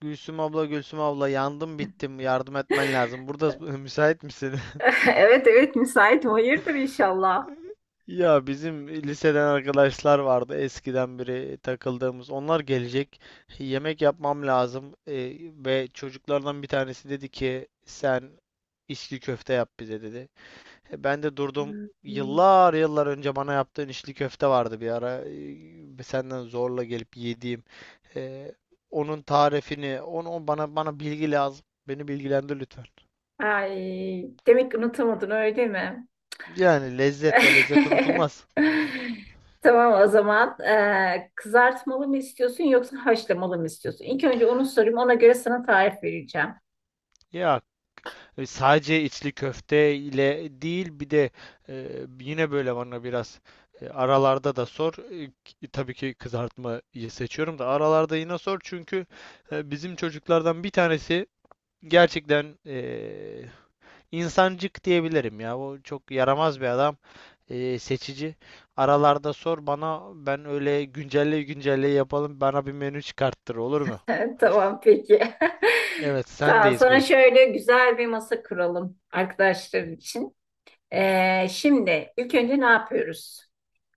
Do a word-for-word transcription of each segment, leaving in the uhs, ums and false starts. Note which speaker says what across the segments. Speaker 1: Gülsüm abla, Gülsüm abla yandım bittim. Yardım etmen lazım. Burada müsait misin?
Speaker 2: Evet evet, müsaitim. Hayırdır inşallah.
Speaker 1: Ya bizim liseden arkadaşlar vardı eskiden beri takıldığımız. Onlar gelecek. Yemek yapmam lazım. Ee, ve çocuklardan bir tanesi dedi ki sen içli köfte yap bize dedi. E, Ben de durdum. Yıllar yıllar önce bana yaptığın içli köfte vardı bir ara. Ee, Senden zorla gelip yediğim. Ee, onun tarifini, onu bana bana bilgi lazım. Beni bilgilendir lütfen.
Speaker 2: Ay, demek ki unutamadın, öyle mi?
Speaker 1: Yani lezzet, o lezzet unutulmaz.
Speaker 2: Tamam, o zaman Ee, kızartmalı mı istiyorsun yoksa haşlamalı mı istiyorsun? İlk önce onu sorayım, ona göre sana tarif vereceğim.
Speaker 1: Ya e, sadece içli köfte ile değil, bir de e, yine böyle bana biraz e, aralarda da sor. E, k- tabii ki kızartmayı seçiyorum da aralarda yine sor, çünkü e, bizim çocuklardan bir tanesi gerçekten e, insancık diyebilirim ya. O çok yaramaz bir adam. e, seçici. Aralarda sor bana, ben öyle güncelle güncelle yapalım, bana bir menü çıkarttır, olur mu?
Speaker 2: Tamam, peki.
Speaker 1: Evet,
Speaker 2: Tamam,
Speaker 1: sendeyiz,
Speaker 2: sana
Speaker 1: buyur.
Speaker 2: şöyle güzel bir masa kuralım arkadaşların için. Ee, şimdi ilk önce ne yapıyoruz?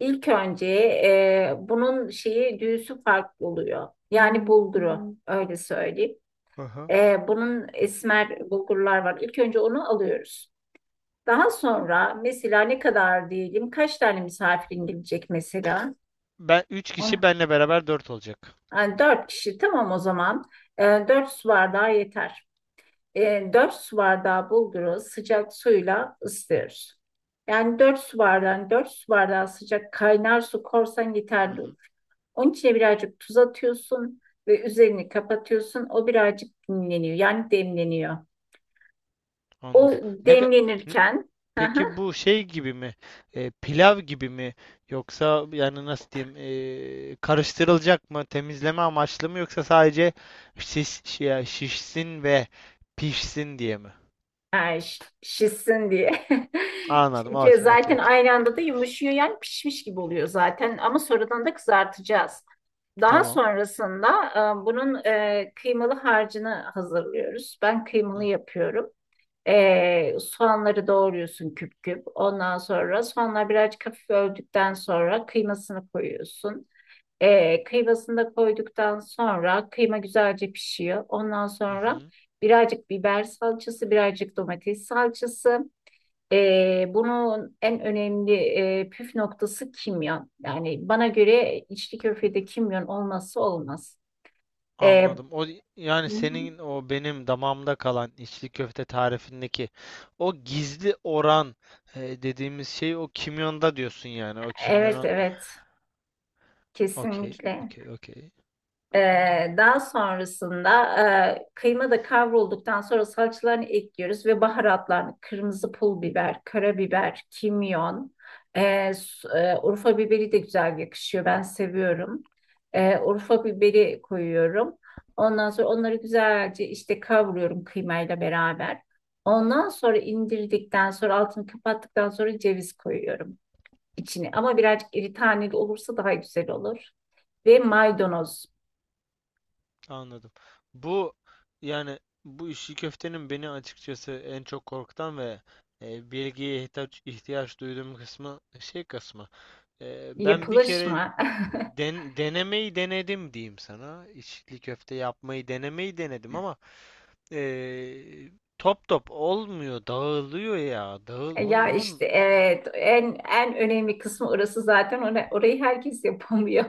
Speaker 2: İlk önce e, bunun şeyi, düğüsü farklı oluyor. Yani bulguru, Hmm. öyle söyleyeyim.
Speaker 1: Aha.
Speaker 2: Ee, bunun esmer bulgurlar var. İlk önce onu alıyoruz. Daha sonra mesela ne kadar diyelim, kaç tane misafirin gelecek mesela?
Speaker 1: Ben üç kişi,
Speaker 2: On,
Speaker 1: benle beraber dört olacak.
Speaker 2: yani dört kişi, tamam o zaman. Ee, dört su bardağı yeter. e, dört su bardağı bulguru sıcak suyla ısıtıyoruz. Yani dört su bardağı, dört su bardağı sıcak kaynar su korsan
Speaker 1: Hı
Speaker 2: yeterli
Speaker 1: hı,
Speaker 2: olur. Onun içine birazcık tuz atıyorsun ve üzerini kapatıyorsun. O birazcık dinleniyor. Yani demleniyor. O
Speaker 1: anladım. Ne, ka- ne-
Speaker 2: demlenirken yani
Speaker 1: peki bu şey gibi mi? E, pilav gibi mi? Yoksa yani nasıl diyeyim? e, karıştırılacak mı? Temizleme amaçlı mı? Yoksa sadece şiş, şi- şişsin ve pişsin diye mi?
Speaker 2: şişsin diye.
Speaker 1: Anladım. Okey, okey,
Speaker 2: Zaten
Speaker 1: okey.
Speaker 2: aynı anda da yumuşuyor, yani pişmiş gibi oluyor zaten, ama sonradan da kızartacağız. Daha
Speaker 1: Tamam.
Speaker 2: sonrasında e, bunun e, kıymalı harcını hazırlıyoruz. Ben
Speaker 1: Hı.
Speaker 2: kıymalı yapıyorum. E, soğanları doğruyorsun küp küp. Ondan sonra soğanlar birazcık hafif öldükten sonra kıymasını koyuyorsun. E, kıymasını da koyduktan sonra kıyma güzelce pişiyor. Ondan
Speaker 1: Hı
Speaker 2: sonra
Speaker 1: hı.
Speaker 2: birazcık biber salçası, birazcık domates salçası. Ee, bunun en önemli e, püf noktası kimyon. Yani bana göre içli köftede kimyon olmazsa olmaz. Ee,
Speaker 1: Anladım. O, yani
Speaker 2: Hı hı.
Speaker 1: senin o benim damağımda kalan içli köfte tarifindeki o gizli oran, e, dediğimiz şey o kimyonda diyorsun yani. O
Speaker 2: Evet
Speaker 1: kimyonun.
Speaker 2: evet,
Speaker 1: Okey,
Speaker 2: kesinlikle.
Speaker 1: okey, okey.
Speaker 2: Ee, daha sonrasında e, kıyma da kavrulduktan sonra salçalarını ekliyoruz ve baharatlarını, kırmızı pul biber, karabiber, kimyon, e, s- e, Urfa biberi de güzel yakışıyor. Ben seviyorum. E, Urfa biberi koyuyorum. Ondan sonra onları güzelce işte kavuruyorum kıymayla beraber. Ondan sonra indirdikten sonra, altını kapattıktan sonra ceviz koyuyorum içine. Ama birazcık iri taneli olursa daha güzel olur. Ve maydanoz.
Speaker 1: Anladım. Bu, yani bu işi köftenin beni açıkçası en çok korkutan ve e, bilgiye ihtiyaç, ihtiyaç duyduğum kısmı, şey kısmı. E, ben bir
Speaker 2: Yapılış
Speaker 1: kere
Speaker 2: mı?
Speaker 1: den- denemeyi denedim diyeyim sana. İçli köfte yapmayı denemeyi denedim, ama e, top top olmuyor, dağılıyor ya. Dağıl, onun,
Speaker 2: Ya işte
Speaker 1: onun.
Speaker 2: evet, en en önemli kısmı orası zaten. Ora- orayı herkes yapamıyor.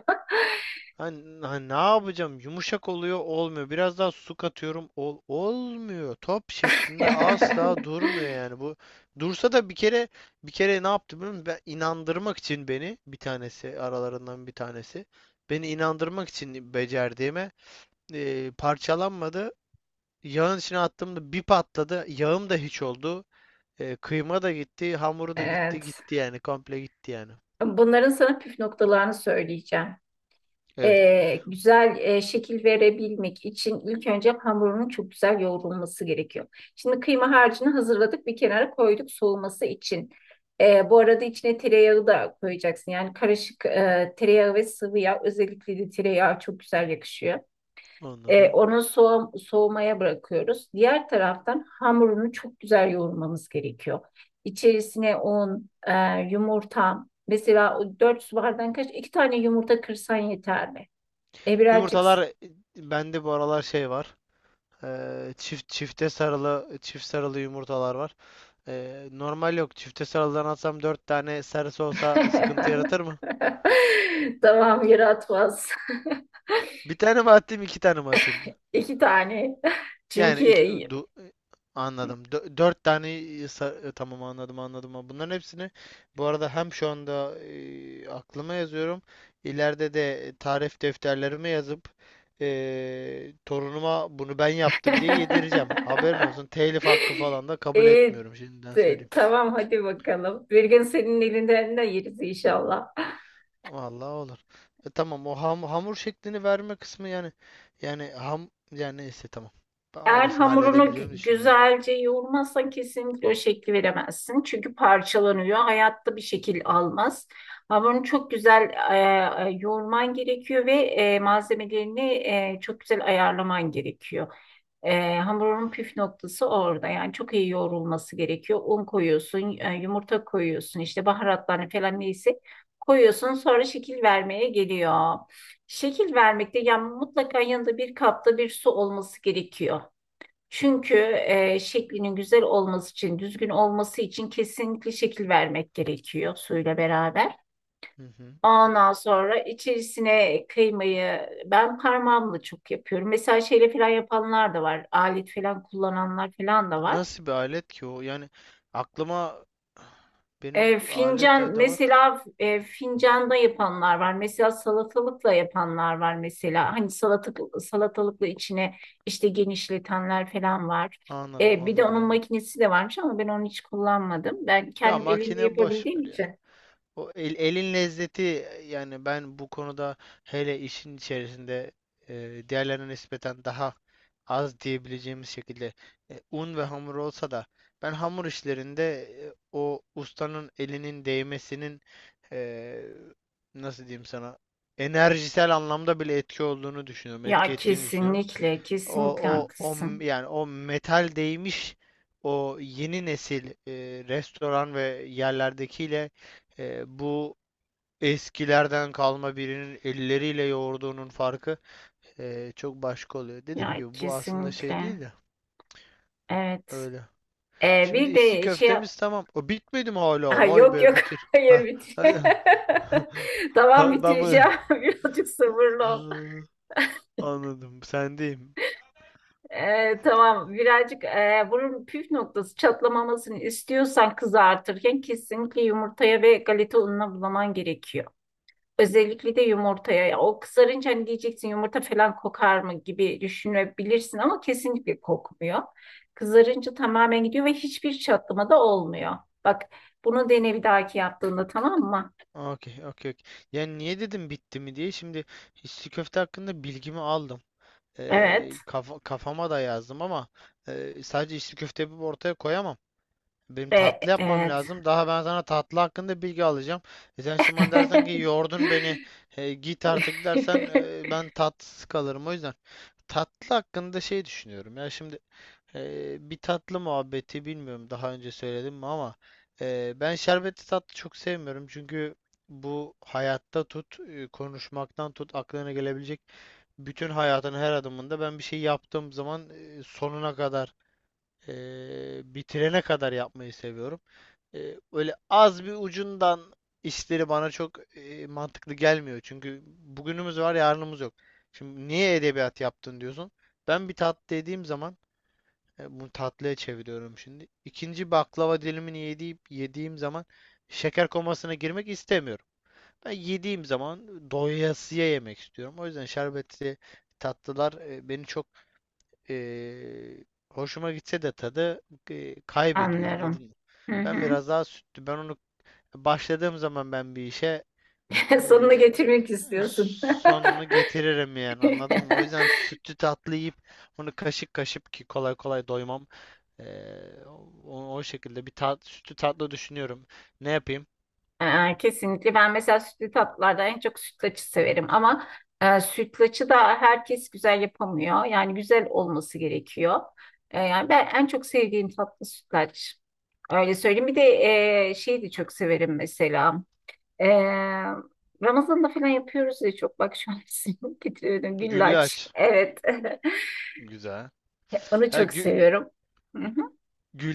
Speaker 1: Hani, hani ne yapacağım? Yumuşak oluyor, olmuyor. Biraz daha su katıyorum, ol, olmuyor. Top şeklinde asla durmuyor yani. Bu dursa da, bir kere bir kere ne yaptı biliyor musun? Ben inandırmak için, beni bir tanesi, aralarından bir tanesi beni inandırmak için becerdiğime e, parçalanmadı. Yağın içine attığımda bir patladı. Yağım da hiç oldu. E, kıyma da gitti, hamuru da gitti,
Speaker 2: Evet.
Speaker 1: gitti yani, komple gitti yani.
Speaker 2: Bunların sana püf noktalarını söyleyeceğim.
Speaker 1: Evet,
Speaker 2: Ee, güzel e, şekil verebilmek için ilk önce hamurunun çok güzel yoğrulması gerekiyor. Şimdi kıyma harcını hazırladık, bir kenara koyduk soğuması için. Ee, bu arada içine tereyağı da koyacaksın. Yani karışık, e, tereyağı ve sıvı yağ, özellikle de tereyağı çok güzel yakışıyor. E,
Speaker 1: anladım.
Speaker 2: onu soğu- soğumaya bırakıyoruz. Diğer taraftan hamurunu çok güzel yoğurmamız gerekiyor. İçerisine un, e, yumurta. Mesela o dört su bardağın kaç? İki tane yumurta kırsan yeter mi? E birazcık...
Speaker 1: Yumurtalar,
Speaker 2: s-
Speaker 1: e, bende bu aralar şey var. Ee, çift çifte sarılı, çift sarılı yumurtalar var. Ee, normal yok. Çifte sarılıdan atsam dört tane sarısı olsa sıkıntı yaratır mı?
Speaker 2: Tamam, yaratmaz.
Speaker 1: Bir tane mi atayım, iki tane mi atayım mı?
Speaker 2: İki tane.
Speaker 1: Yani
Speaker 2: Çünkü
Speaker 1: iki du- anladım. Dö- dört tane sa- tamam, anladım, anladım. Ha, bunların hepsini bu arada hem şu anda e, aklıma yazıyorum. İleride de tarif defterlerime yazıp e, torunuma bunu ben yaptım diye yedireceğim. Haberin olsun. Telif hakkı falan da kabul
Speaker 2: E,
Speaker 1: etmiyorum, şimdiden söyleyeyim.
Speaker 2: tamam, hadi bakalım. Bir gün senin elinden de yeriz inşallah.
Speaker 1: Vallahi olur. E tamam, o ham- hamur şeklini verme kısmı, yani, yani ham yani neyse tamam. Ben
Speaker 2: Eğer
Speaker 1: orasını
Speaker 2: hamurunu
Speaker 1: halledebileceğimi
Speaker 2: gü-
Speaker 1: düşünüyorum.
Speaker 2: güzelce yoğurmazsan kesinlikle o şekli veremezsin. Çünkü parçalanıyor. Hayatta bir şekil almaz. Hamurunu çok güzel e, e, yoğurman gerekiyor ve e, malzemelerini e, çok güzel ayarlaman gerekiyor. E, hamurun püf noktası orada. Yani çok iyi yoğrulması gerekiyor. Un koyuyorsun, e, yumurta koyuyorsun, işte baharatlarını falan, neyse koyuyorsun. Sonra şekil vermeye geliyor. Şekil vermekte yani mutlaka yanında bir kapta bir su olması gerekiyor. Çünkü e, şeklinin güzel olması için, düzgün olması için kesinlikle şekil vermek gerekiyor suyla beraber.
Speaker 1: Hı hı.
Speaker 2: Ondan sonra içerisine kıymayı ben parmağımla çok yapıyorum. Mesela şeyle falan yapanlar da var. Alet falan kullananlar falan da var.
Speaker 1: Nasıl bir alet ki o? Yani aklıma, benim
Speaker 2: E,
Speaker 1: alet
Speaker 2: fincan
Speaker 1: edevat,
Speaker 2: mesela, e, fincanda yapanlar var. Mesela salatalıkla yapanlar var mesela. Hani salatalık, salatalıkla içine işte genişletenler falan var.
Speaker 1: anladım,
Speaker 2: E, bir de
Speaker 1: anladım,
Speaker 2: onun
Speaker 1: anladım.
Speaker 2: makinesi de varmış ama ben onu hiç kullanmadım. Ben
Speaker 1: Ya
Speaker 2: kendim elimle
Speaker 1: makine boş
Speaker 2: yapabildiğim
Speaker 1: ver ya.
Speaker 2: için.
Speaker 1: O el, elin lezzeti yani. Ben bu konuda, hele işin içerisinde e, diğerlerine nispeten daha az diyebileceğimiz şekilde e, un ve hamur olsa da, ben hamur işlerinde e, o ustanın elinin değmesinin e, nasıl diyeyim sana, enerjisel anlamda bile etki olduğunu düşünüyorum, etki
Speaker 2: Ya
Speaker 1: ettiğini düşünüyorum.
Speaker 2: kesinlikle,
Speaker 1: O
Speaker 2: kesinlikle
Speaker 1: o o
Speaker 2: haklısın.
Speaker 1: m- yani o metal değmiş, o yeni nesil e, restoran ve yerlerdekiyle e, bu eskilerden kalma birinin elleriyle yoğurduğunun farkı e, çok başka oluyor. Dediğim
Speaker 2: Ya
Speaker 1: gibi, bu aslında şey değil
Speaker 2: kesinlikle.
Speaker 1: de
Speaker 2: Evet.
Speaker 1: öyle.
Speaker 2: E,
Speaker 1: Şimdi
Speaker 2: bir
Speaker 1: içli
Speaker 2: de şey
Speaker 1: köftemiz tamam. O bitmedi mi
Speaker 2: Ha,
Speaker 1: hala? Vay
Speaker 2: yok
Speaker 1: be,
Speaker 2: yok,
Speaker 1: bitir.
Speaker 2: hayır,
Speaker 1: Ha.
Speaker 2: bitir. Tamam,
Speaker 1: Ha, ben bu-
Speaker 2: bitireceğim. Birazcık sabırlı ol.
Speaker 1: ha, anladım. Sendeyim.
Speaker 2: Ee, tamam, birazcık, e, bunun püf noktası, çatlamamasını istiyorsan kızartırken kesinlikle yumurtaya ve galeta ununa bulaman gerekiyor. Özellikle de yumurtaya. O kızarınca hani diyeceksin yumurta falan kokar mı gibi düşünebilirsin, ama kesinlikle kokmuyor. Kızarınca tamamen gidiyor ve hiçbir çatlama da olmuyor. Bak, bunu dene bir dahaki yaptığında, tamam mı?
Speaker 1: Okey, okey, okey. Yani niye dedim bitti mi diye. Şimdi içli köfte hakkında bilgimi aldım. Ee,
Speaker 2: Evet.
Speaker 1: kafa- kafama da yazdım ama e, sadece içli köfte yapıp ortaya koyamam. Benim
Speaker 2: Ve
Speaker 1: tatlı yapmam
Speaker 2: evet.
Speaker 1: lazım. Daha ben sana tatlı hakkında bilgi alacağım. E sen şimdi bana dersen ki yordun beni, e, git artık dersen, e, ben tatsız kalırım. O yüzden tatlı hakkında şey düşünüyorum. Ya şimdi ee, bir tatlı muhabbeti, bilmiyorum daha önce söyledim mi ama e, ben şerbetli tatlı çok sevmiyorum, çünkü bu hayatta tut, e, konuşmaktan tut, aklına gelebilecek bütün hayatın her adımında ben bir şey yaptığım zaman e, sonuna kadar, e, bitirene kadar yapmayı seviyorum. E, öyle az bir ucundan işleri bana çok e, mantıklı gelmiyor, çünkü bugünümüz var, yarınımız yok. Şimdi niye edebiyat yaptın diyorsun? Ben bir tatlı dediğim zaman, e, Bunu tatlıya çeviriyorum şimdi. İkinci baklava dilimini yediğim, yediğim zaman şeker komasına girmek istemiyorum. Ben yediğim zaman doyasıya yemek istiyorum. O yüzden şerbetli tatlılar e, beni çok, e, hoşuma gitse de tadı e, kaybediyor. Anladın
Speaker 2: Anlıyorum.
Speaker 1: mı?
Speaker 2: Hı
Speaker 1: Ben
Speaker 2: hı.
Speaker 1: biraz daha sütlü. Ben onu başladığım zaman, ben bir işe
Speaker 2: Sonuna
Speaker 1: ee,
Speaker 2: getirmek istiyorsun.
Speaker 1: sonunu getiririm yani, anladın mı? O yüzden sütlü tatlı yiyip bunu kaşık kaşık, ki kolay kolay doymam. Ee, o, o şekilde bir tat, sütlü tatlı düşünüyorum. Ne yapayım?
Speaker 2: Ee, kesinlikle ben mesela sütlü tatlılardan en çok sütlaçı severim, ama e, sütlaçı da herkes güzel yapamıyor. Yani güzel olması gerekiyor. E, yani ben en çok sevdiğim tatlı sütlaç. Öyle söyleyeyim. Bir de e, şeyi de çok severim mesela. E, Ramazan'da falan yapıyoruz ya, çok bak şu an isim getiriyorum.
Speaker 1: Gülle
Speaker 2: Güllaç.
Speaker 1: aç.
Speaker 2: Evet.
Speaker 1: Güzel.
Speaker 2: Onu
Speaker 1: Ha,
Speaker 2: çok
Speaker 1: gü-
Speaker 2: seviyorum. Hı hı.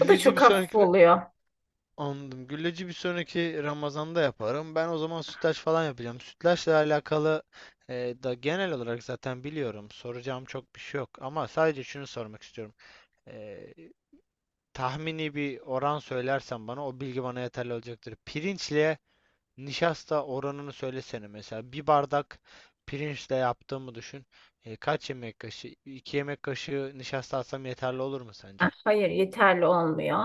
Speaker 2: O da
Speaker 1: bir
Speaker 2: çok hafif
Speaker 1: sonraki,
Speaker 2: oluyor.
Speaker 1: anladım. Gülleci bir sonraki Ramazan'da yaparım. Ben o zaman sütlaç falan yapacağım. Sütlaçla alakalı e, da genel olarak zaten biliyorum. Soracağım çok bir şey yok. Ama sadece şunu sormak istiyorum. E, tahmini bir oran söylersen bana, o bilgi bana yeterli olacaktır. Pirinçle nişasta oranını söylesene mesela. Bir bardak pirinçle yaptığımı düşün. E, kaç yemek kaşığı? iki yemek kaşığı nişasta atsam yeterli olur mu
Speaker 2: Ah,
Speaker 1: sence?
Speaker 2: hayır, yeterli olmuyor.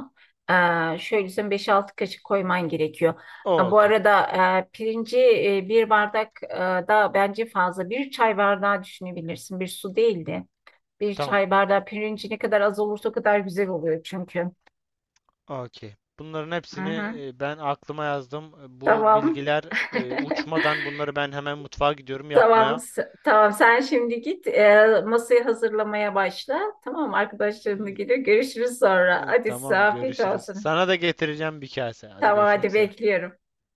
Speaker 2: Ee, şöyle, sen beş altı kaşık koyman gerekiyor.
Speaker 1: O,
Speaker 2: Ha, bu
Speaker 1: okey.
Speaker 2: arada e, pirinci, e, bir bardak e, da bence fazla. Bir çay bardağı düşünebilirsin. Bir su değildi. Bir
Speaker 1: Tamam.
Speaker 2: çay bardağı pirinci ne kadar az olursa o kadar güzel oluyor çünkü.
Speaker 1: Okey. Bunların
Speaker 2: Hı
Speaker 1: hepsini
Speaker 2: hı.
Speaker 1: e, ben aklıma yazdım. E, Bu
Speaker 2: Tamam.
Speaker 1: bilgiler e, uçmadan, bunları ben hemen mutfağa gidiyorum
Speaker 2: Tamam,
Speaker 1: yapmaya.
Speaker 2: s- tamam. Sen şimdi git e, masayı hazırlamaya başla. Tamam, arkadaşlarınla
Speaker 1: İyi.
Speaker 2: geliyor. Görüşürüz sonra.
Speaker 1: E,
Speaker 2: Hadi, size
Speaker 1: Tamam
Speaker 2: afiyet
Speaker 1: görüşürüz.
Speaker 2: olsun.
Speaker 1: Sana da getireceğim bir kase. Hadi
Speaker 2: Tamam,
Speaker 1: görüşmek
Speaker 2: hadi
Speaker 1: üzere.
Speaker 2: bekliyorum.